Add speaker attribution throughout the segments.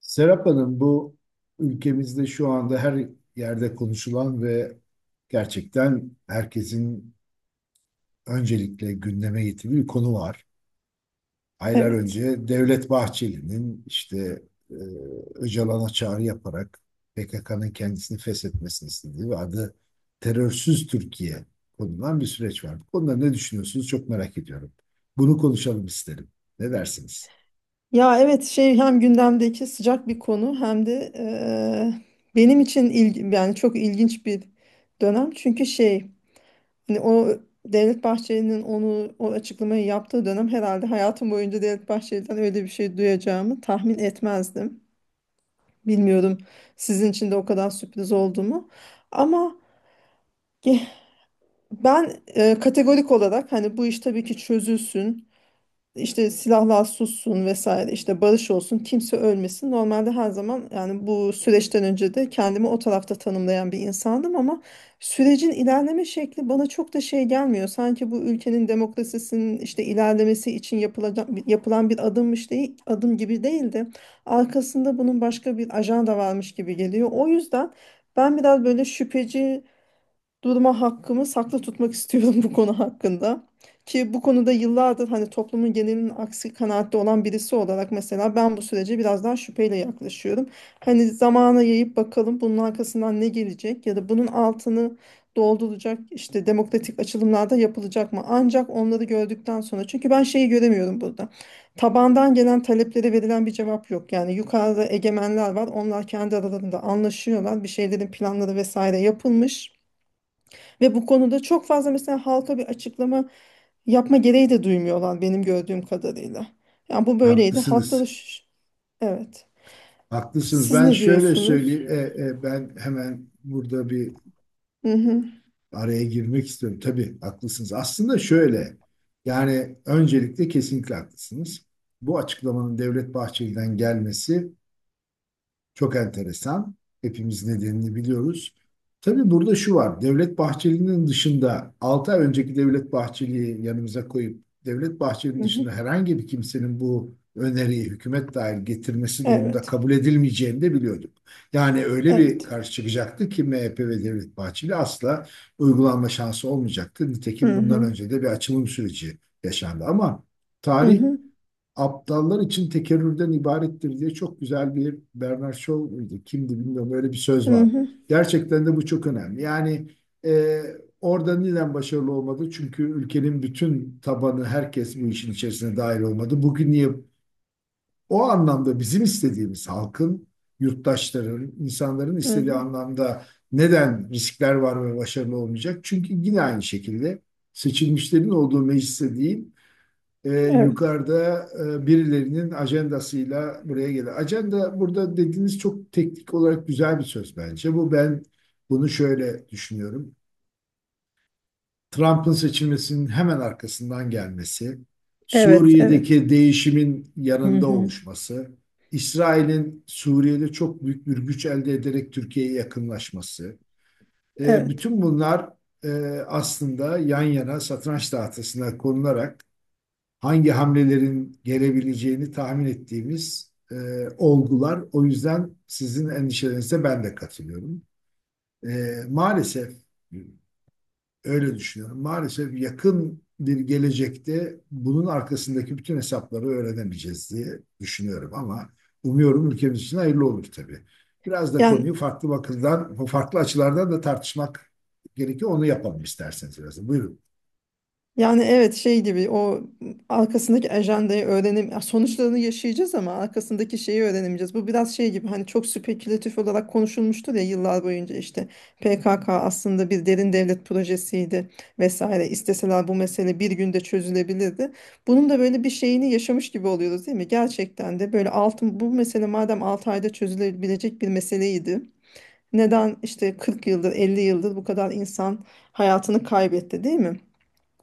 Speaker 1: Serap Hanım, bu ülkemizde şu anda her yerde konuşulan ve gerçekten herkesin öncelikle gündeme getirdiği bir konu var. Aylar
Speaker 2: Evet.
Speaker 1: önce Devlet Bahçeli'nin işte e, Öcalan'a çağrı yaparak PKK'nın kendisini feshetmesini istediği ve adı Terörsüz Türkiye konulan bir süreç var. Bu konuda ne düşünüyorsunuz çok merak ediyorum. Bunu konuşalım isterim. Ne dersiniz?
Speaker 2: Ya evet hem gündemdeki sıcak bir konu hem de benim için yani çok ilginç bir dönem. Çünkü hani o Devlet Bahçeli'nin o açıklamayı yaptığı dönem herhalde hayatım boyunca Devlet Bahçeli'den öyle bir şey duyacağımı tahmin etmezdim. Bilmiyorum sizin için de o kadar sürpriz oldu mu? Ama ge- ben kategorik olarak hani bu iş tabii ki çözülsün. İşte silahlar sussun vesaire işte barış olsun kimse ölmesin. Normalde her zaman yani bu süreçten önce de kendimi o tarafta tanımlayan bir insandım ama sürecin ilerleme şekli bana çok da şey gelmiyor. Sanki bu ülkenin demokrasisinin işte ilerlemesi için yapılan bir adımmış değil, adım gibi değil de arkasında bunun başka bir ajanda varmış gibi geliyor. O yüzden ben biraz böyle şüpheci durma hakkımı saklı tutmak istiyorum bu konu hakkında. Ki bu konuda yıllardır hani toplumun genelinin aksi kanaatte olan birisi olarak mesela ben bu sürece biraz daha şüpheyle yaklaşıyorum. Hani zamana yayıp bakalım bunun arkasından ne gelecek ya da bunun altını dolduracak işte demokratik açılımlarda yapılacak mı? Ancak onları gördükten sonra çünkü ben şeyi göremiyorum burada. Tabandan gelen taleplere verilen bir cevap yok. Yani yukarıda egemenler var. Onlar kendi aralarında anlaşıyorlar. Bir şeylerin planları vesaire yapılmış. Ve bu konuda çok fazla mesela halka bir açıklama yapma gereği de duymuyorlar benim gördüğüm kadarıyla. Yani bu böyleydi. Halkta da
Speaker 1: Haklısınız.
Speaker 2: evet.
Speaker 1: Haklısınız.
Speaker 2: Siz
Speaker 1: Ben
Speaker 2: ne
Speaker 1: şöyle
Speaker 2: diyorsunuz?
Speaker 1: söyleyeyim. Ben hemen burada bir
Speaker 2: Hı hı,
Speaker 1: araya girmek istiyorum. Tabii haklısınız. Aslında şöyle. Yani öncelikle kesinlikle haklısınız. Bu açıklamanın Devlet Bahçeli'den gelmesi çok enteresan. Hepimiz nedenini biliyoruz. Tabii burada şu var. Devlet Bahçeli'nin dışında 6 ay önceki Devlet Bahçeli'yi yanımıza koyup Devlet Bahçeli'nin
Speaker 2: hı hı.
Speaker 1: dışında herhangi bir kimsenin bu öneriyi hükümet dahil getirmesi durumunda
Speaker 2: Evet.
Speaker 1: kabul edilmeyeceğini de biliyorduk. Yani öyle bir
Speaker 2: Evet.
Speaker 1: karşı çıkacaktı ki MHP ve Devlet Bahçeli asla uygulanma şansı olmayacaktı.
Speaker 2: Hı
Speaker 1: Nitekim bundan
Speaker 2: hı,
Speaker 1: önce de bir açılım süreci yaşandı ama
Speaker 2: hı
Speaker 1: tarih
Speaker 2: hı,
Speaker 1: aptallar için tekerrürden ibarettir diye çok güzel bir Bernard Shaw muydu? Kimdi bilmiyorum öyle bir söz
Speaker 2: hı
Speaker 1: var.
Speaker 2: hı,
Speaker 1: Gerçekten de bu çok önemli. E, Orada neden başarılı olmadı? Çünkü ülkenin bütün tabanı herkes bu işin içerisine dahil olmadı. Bugün niye o anlamda bizim istediğimiz halkın, yurttaşların, insanların
Speaker 2: hı
Speaker 1: istediği
Speaker 2: hı.
Speaker 1: anlamda neden riskler var ve başarılı olmayacak? Çünkü yine aynı şekilde seçilmişlerin olduğu mecliste değil,
Speaker 2: Evet.
Speaker 1: yukarıda birilerinin ajandasıyla buraya gelir. Ajanda burada dediğiniz çok teknik olarak güzel bir söz bence. Bu ben bunu şöyle düşünüyorum. Trump'ın seçilmesinin hemen arkasından gelmesi,
Speaker 2: Evet, evet.
Speaker 1: Suriye'deki değişimin
Speaker 2: Hı
Speaker 1: yanında
Speaker 2: hı.
Speaker 1: oluşması, İsrail'in Suriye'de çok büyük bir güç elde ederek Türkiye'ye yakınlaşması,
Speaker 2: Evet.
Speaker 1: bütün bunlar e, aslında yan yana satranç tahtasına konularak hangi hamlelerin gelebileceğini tahmin ettiğimiz olgular. O yüzden sizin endişelerinize ben de katılıyorum. Maalesef öyle düşünüyorum. Maalesef yakın bir gelecekte bunun arkasındaki bütün hesapları öğrenemeyeceğiz diye düşünüyorum ama umuyorum ülkemiz için hayırlı olur tabii. Biraz da
Speaker 2: Yani
Speaker 1: konuyu farklı bakımdan, farklı açılardan da tartışmak gerekiyor. Onu yapalım isterseniz biraz. Da. Buyurun.
Speaker 2: Yani evet şey gibi o arkasındaki ajandayı öğrenim sonuçlarını yaşayacağız ama arkasındaki şeyi öğrenemeyeceğiz. Bu biraz şey gibi hani çok spekülatif olarak konuşulmuştur ya yıllar boyunca işte PKK aslında bir derin devlet projesiydi vesaire. İsteseler bu mesele bir günde çözülebilirdi. Bunun da böyle bir şeyini yaşamış gibi oluyoruz değil mi? Gerçekten de böyle altın bu mesele madem 6 ayda çözülebilecek bir meseleydi. Neden işte 40 yıldır 50 yıldır bu kadar insan hayatını kaybetti değil mi?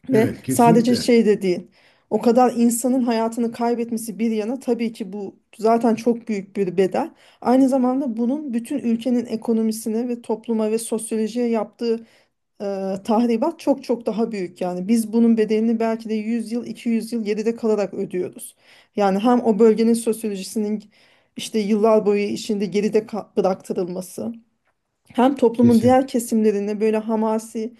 Speaker 2: Ve
Speaker 1: Evet,
Speaker 2: sadece
Speaker 1: kesinlikle.
Speaker 2: şey de değil. O kadar insanın hayatını kaybetmesi bir yana tabii ki bu zaten çok büyük bir bedel. Aynı zamanda bunun bütün ülkenin ekonomisine ve topluma ve sosyolojiye yaptığı e, tahribat çok çok daha büyük. Yani biz bunun bedelini belki de 100 yıl, 200 yıl geride kalarak ödüyoruz. Yani hem o bölgenin sosyolojisinin işte yıllar boyu içinde geride bıraktırılması, hem toplumun
Speaker 1: Kesin.
Speaker 2: diğer kesimlerine böyle hamasi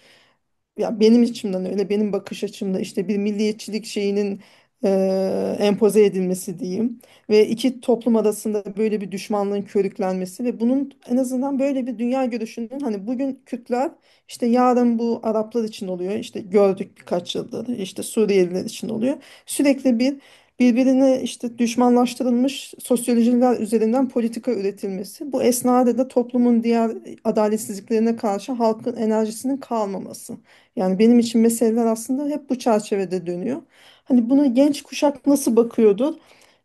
Speaker 2: ya benim içimden öyle benim bakış açımda işte bir milliyetçilik şeyinin empoze edilmesi diyeyim ve iki toplum arasında böyle bir düşmanlığın körüklenmesi ve bunun en azından böyle bir dünya görüşünün hani bugün Kürtler işte yarın bu Araplar için oluyor işte gördük birkaç yıldır işte Suriyeliler için oluyor sürekli bir birbirine işte düşmanlaştırılmış sosyolojiler üzerinden politika üretilmesi bu esnada da toplumun diğer adaletsizliklerine karşı halkın enerjisinin kalmaması. Yani benim için meseleler aslında hep bu çerçevede dönüyor. Hani buna genç kuşak nasıl bakıyordur?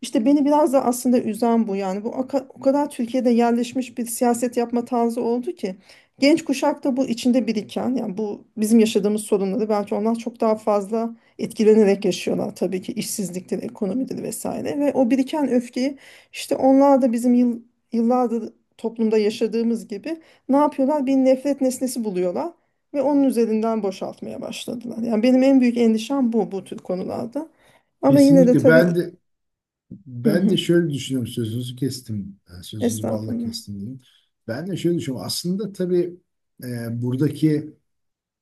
Speaker 2: İşte beni biraz da aslında üzen bu. Yani bu o kadar Türkiye'de yerleşmiş bir siyaset yapma tarzı oldu ki genç kuşak da bu içinde biriken yani bu bizim yaşadığımız sorunları belki onlar çok daha fazla etkilenerek yaşıyorlar. Tabii ki işsizliktir, ekonomidir vesaire ve o biriken öfkeyi işte onlar da bizim yıllardır toplumda yaşadığımız gibi ne yapıyorlar? Bir nefret nesnesi buluyorlar. Ve onun üzerinden boşaltmaya başladılar. Yani benim en büyük endişem bu, bu tür konularda. Ama yine de
Speaker 1: Kesinlikle ben
Speaker 2: tabii
Speaker 1: de
Speaker 2: hı
Speaker 1: ben de
Speaker 2: hı,
Speaker 1: şöyle düşünüyorum sözünüzü kestim. Yani sözünüzü balla
Speaker 2: estağfurullah.
Speaker 1: kestim diyeyim. Ben de şöyle düşünüyorum. Aslında tabii e, buradaki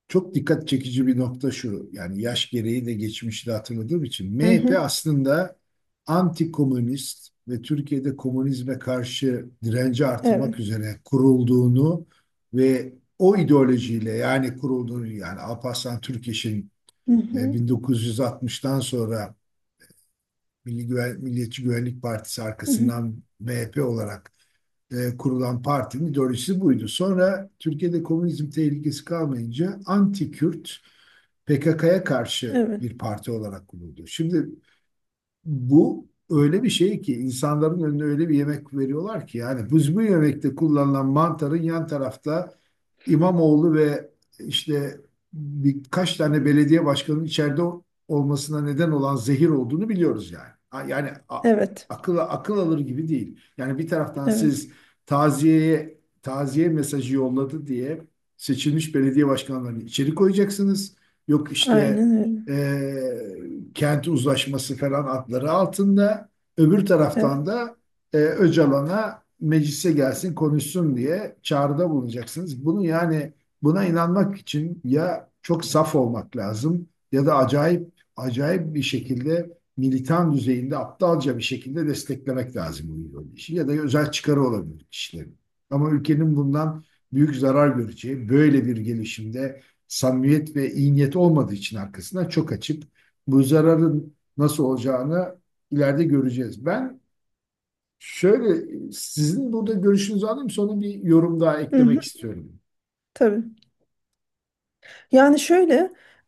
Speaker 1: çok dikkat çekici bir nokta şu. Yani yaş gereği de geçmişi de hatırladığım için.
Speaker 2: Hı hı,
Speaker 1: MHP aslında anti-komünist ve Türkiye'de komünizme karşı direnci
Speaker 2: evet.
Speaker 1: artırmak üzere kurulduğunu ve o ideolojiyle yani kurulduğunu yani Alparslan Türkeş'in
Speaker 2: Hı hı,
Speaker 1: 1960'tan sonra Milli Güven, Milliyetçi Güvenlik Partisi
Speaker 2: hı hı,
Speaker 1: arkasından MHP olarak kurulan partinin ideolojisi buydu. Sonra Türkiye'de komünizm tehlikesi kalmayınca anti-Kürt PKK'ya karşı
Speaker 2: evet.
Speaker 1: bir parti olarak kuruldu. Şimdi bu öyle bir şey ki insanların önüne öyle bir yemek veriyorlar ki yani biz bu yemekte kullanılan mantarın yan tarafta İmamoğlu ve işte birkaç tane belediye başkanının içeride olmasına neden olan zehir olduğunu biliyoruz yani. Yani a-
Speaker 2: Evet.
Speaker 1: Akıl akıl alır gibi değil. Yani bir taraftan
Speaker 2: Evet.
Speaker 1: siz taziyeye taziye mesajı yolladı diye seçilmiş belediye başkanlarını içeri koyacaksınız. Yok işte
Speaker 2: Aynen öyle.
Speaker 1: e, kenti uzlaşması falan adları altında. Öbür taraftan
Speaker 2: Evet.
Speaker 1: da Öcalan'a meclise gelsin konuşsun diye çağrıda bulunacaksınız. Bunu yani buna inanmak için ya çok saf olmak lazım ya da acayip acayip bir şekilde militan düzeyinde aptalca bir şekilde desteklemek lazım bu ideolojiyi ya da özel çıkarı olabilir kişilerin. Ama ülkenin bundan büyük zarar göreceği böyle bir gelişimde samimiyet ve iyi niyet olmadığı için arkasından çok açık bu zararın nasıl olacağını ileride göreceğiz. Ben şöyle sizin burada görüşünüzü alayım sonra bir yorum daha
Speaker 2: Hı hı,
Speaker 1: eklemek istiyorum.
Speaker 2: tabii. Yani şöyle,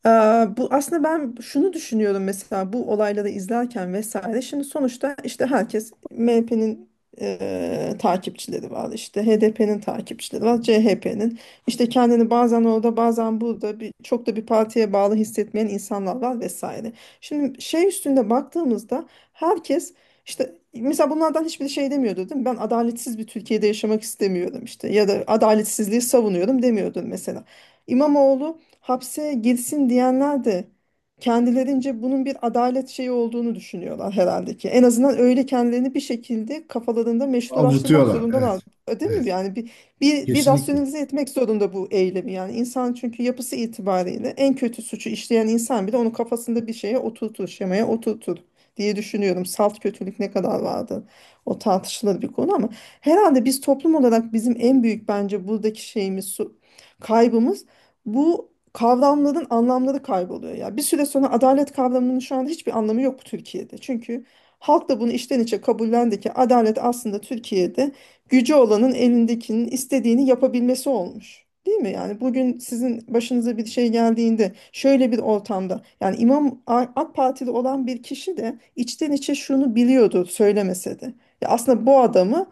Speaker 2: e, bu aslında ben şunu düşünüyorum mesela bu olayları izlerken vesaire. Şimdi sonuçta işte herkes MHP'nin takipçileri var, işte HDP'nin takipçileri var, CHP'nin. İşte kendini bazen orada, bazen burada bir, çok da bir partiye bağlı hissetmeyen insanlar var vesaire. Şimdi şey üstünde baktığımızda herkes işte mesela bunlardan hiçbir şey demiyordu değil mi? Ben adaletsiz bir Türkiye'de yaşamak istemiyorum işte ya da adaletsizliği savunuyorum demiyordun mesela. İmamoğlu hapse girsin diyenler de kendilerince bunun bir adalet şeyi olduğunu düşünüyorlar herhalde ki. En azından öyle kendilerini bir şekilde kafalarında meşrulaştırmak
Speaker 1: Avutuyorlar.
Speaker 2: zorundalar.
Speaker 1: Evet.
Speaker 2: Değil mi?
Speaker 1: Evet.
Speaker 2: Yani bir
Speaker 1: Kesinlikle.
Speaker 2: rasyonelize etmek zorunda bu eylemi. Yani insan çünkü yapısı itibariyle en kötü suçu işleyen insan bile onu kafasında bir şeye oturtur, şemaya oturtur diye düşünüyorum. Salt kötülük ne kadar vardı? O tartışılır bir konu ama herhalde biz toplum olarak bizim en büyük bence buradaki şeyimiz kaybımız bu kavramların anlamları kayboluyor ya. Bir süre sonra adalet kavramının şu anda hiçbir anlamı yok Türkiye'de. Çünkü halk da bunu içten içe kabullendi ki adalet aslında Türkiye'de gücü olanın elindekinin istediğini yapabilmesi olmuş. Değil mi? Yani bugün sizin başınıza bir şey geldiğinde şöyle bir ortamda yani AK Partili olan bir kişi de içten içe şunu biliyordu söylemese de. Ya aslında bu adamı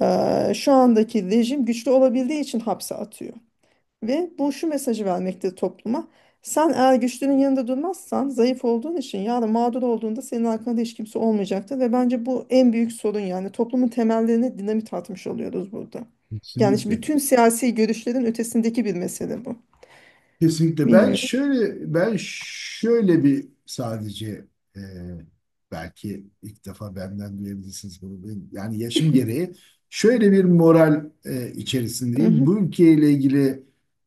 Speaker 2: şu andaki rejim güçlü olabildiği için hapse atıyor. Ve bu şu mesajı vermekte topluma. Sen eğer güçlünün yanında durmazsan zayıf olduğun için yarın mağdur olduğunda senin arkanda hiç kimse olmayacaktır. Ve bence bu en büyük sorun yani toplumun temellerine dinamit atmış oluyoruz burada. Yani şimdi
Speaker 1: Kesinlikle.
Speaker 2: bütün siyasi görüşlerin ötesindeki bir mesele bu.
Speaker 1: Kesinlikle. Ben
Speaker 2: Bilmiyorum.
Speaker 1: şöyle ben şöyle bir sadece e, belki ilk defa benden duyabilirsiniz bunu. Yani yaşım gereği şöyle bir moral içerisindeyim. Bu
Speaker 2: Mhm.
Speaker 1: ülkeyle ilgili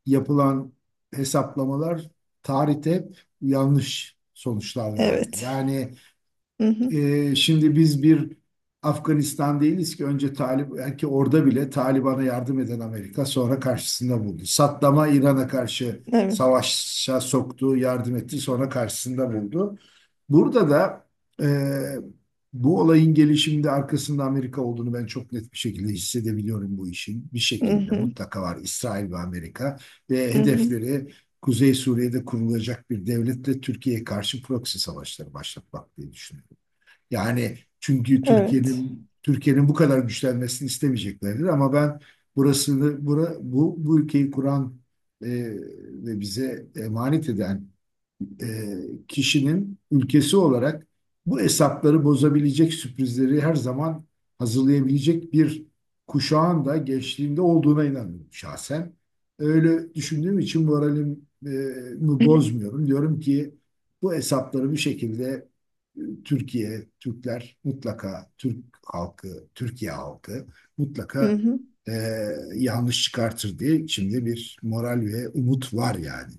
Speaker 1: yapılan hesaplamalar tarihte hep yanlış sonuçlar verdi.
Speaker 2: Evet. Mhm.
Speaker 1: Şimdi biz bir Afganistan değiliz ki önce Talib belki orada bile Taliban'a yardım eden Amerika sonra karşısında buldu. Saddam'a İran'a karşı
Speaker 2: Evet.
Speaker 1: savaşa soktu, yardım etti, sonra karşısında buldu. Burada da e, bu olayın gelişiminde arkasında Amerika olduğunu ben çok net bir şekilde hissedebiliyorum bu işin. Bir şekilde
Speaker 2: Mhm.
Speaker 1: mutlaka var İsrail ve Amerika ve
Speaker 2: Mhm.
Speaker 1: hedefleri Kuzey Suriye'de kurulacak bir devletle Türkiye'ye karşı proxy savaşları başlatmak diye düşünüyorum. Yani çünkü
Speaker 2: Evet.
Speaker 1: Türkiye'nin bu kadar güçlenmesini istemeyeceklerdir ama ben bu ülkeyi kuran e, ve bize emanet eden e, kişinin ülkesi olarak bu hesapları bozabilecek sürprizleri her zaman hazırlayabilecek bir kuşağın da gençliğinde olduğuna inanıyorum şahsen. Öyle düşündüğüm için moralimi bozmuyorum. Diyorum ki bu hesapları bir şekilde Türkiye, Türkler mutlaka, Türk halkı, Türkiye halkı mutlaka
Speaker 2: Mhm.
Speaker 1: e, yanlış çıkartır diye içimde bir moral ve umut var yani.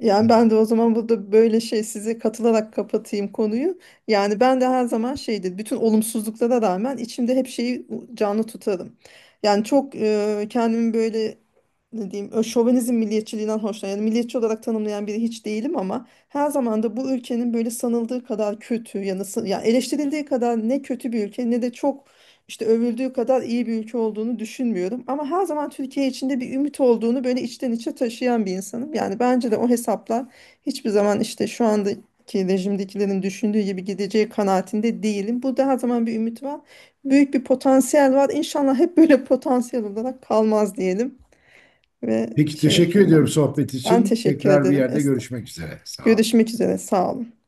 Speaker 2: Yani ben de o zaman burada böyle şey size katılarak kapatayım konuyu. Yani ben de her zaman şeydir. Bütün olumsuzluklara rağmen içimde hep şeyi canlı tutarım. Yani çok kendimi böyle ne diyeyim şovenizm milliyetçiliğinden hoşlanıyorum. Yani milliyetçi olarak tanımlayan biri hiç değilim ama her zaman da bu ülkenin böyle sanıldığı kadar kötü yani eleştirildiği kadar ne kötü bir ülke ne de çok işte övüldüğü kadar iyi bir ülke olduğunu düşünmüyorum. Ama her zaman Türkiye içinde bir ümit olduğunu böyle içten içe taşıyan bir insanım. Yani bence de o hesaplar hiçbir zaman işte şu andaki rejimdekilerin düşündüğü gibi gideceği kanaatinde değilim. Burada her zaman bir ümit var. Büyük bir potansiyel var. İnşallah hep böyle potansiyel olarak kalmaz diyelim ve
Speaker 1: Peki
Speaker 2: şey
Speaker 1: teşekkür
Speaker 2: yapayım ben.
Speaker 1: ediyorum sohbet
Speaker 2: Ben
Speaker 1: için.
Speaker 2: teşekkür
Speaker 1: Tekrar bir
Speaker 2: ederim
Speaker 1: yerde
Speaker 2: Esra.
Speaker 1: görüşmek üzere. Sağ ol.
Speaker 2: Görüşmek üzere. Sağ olun.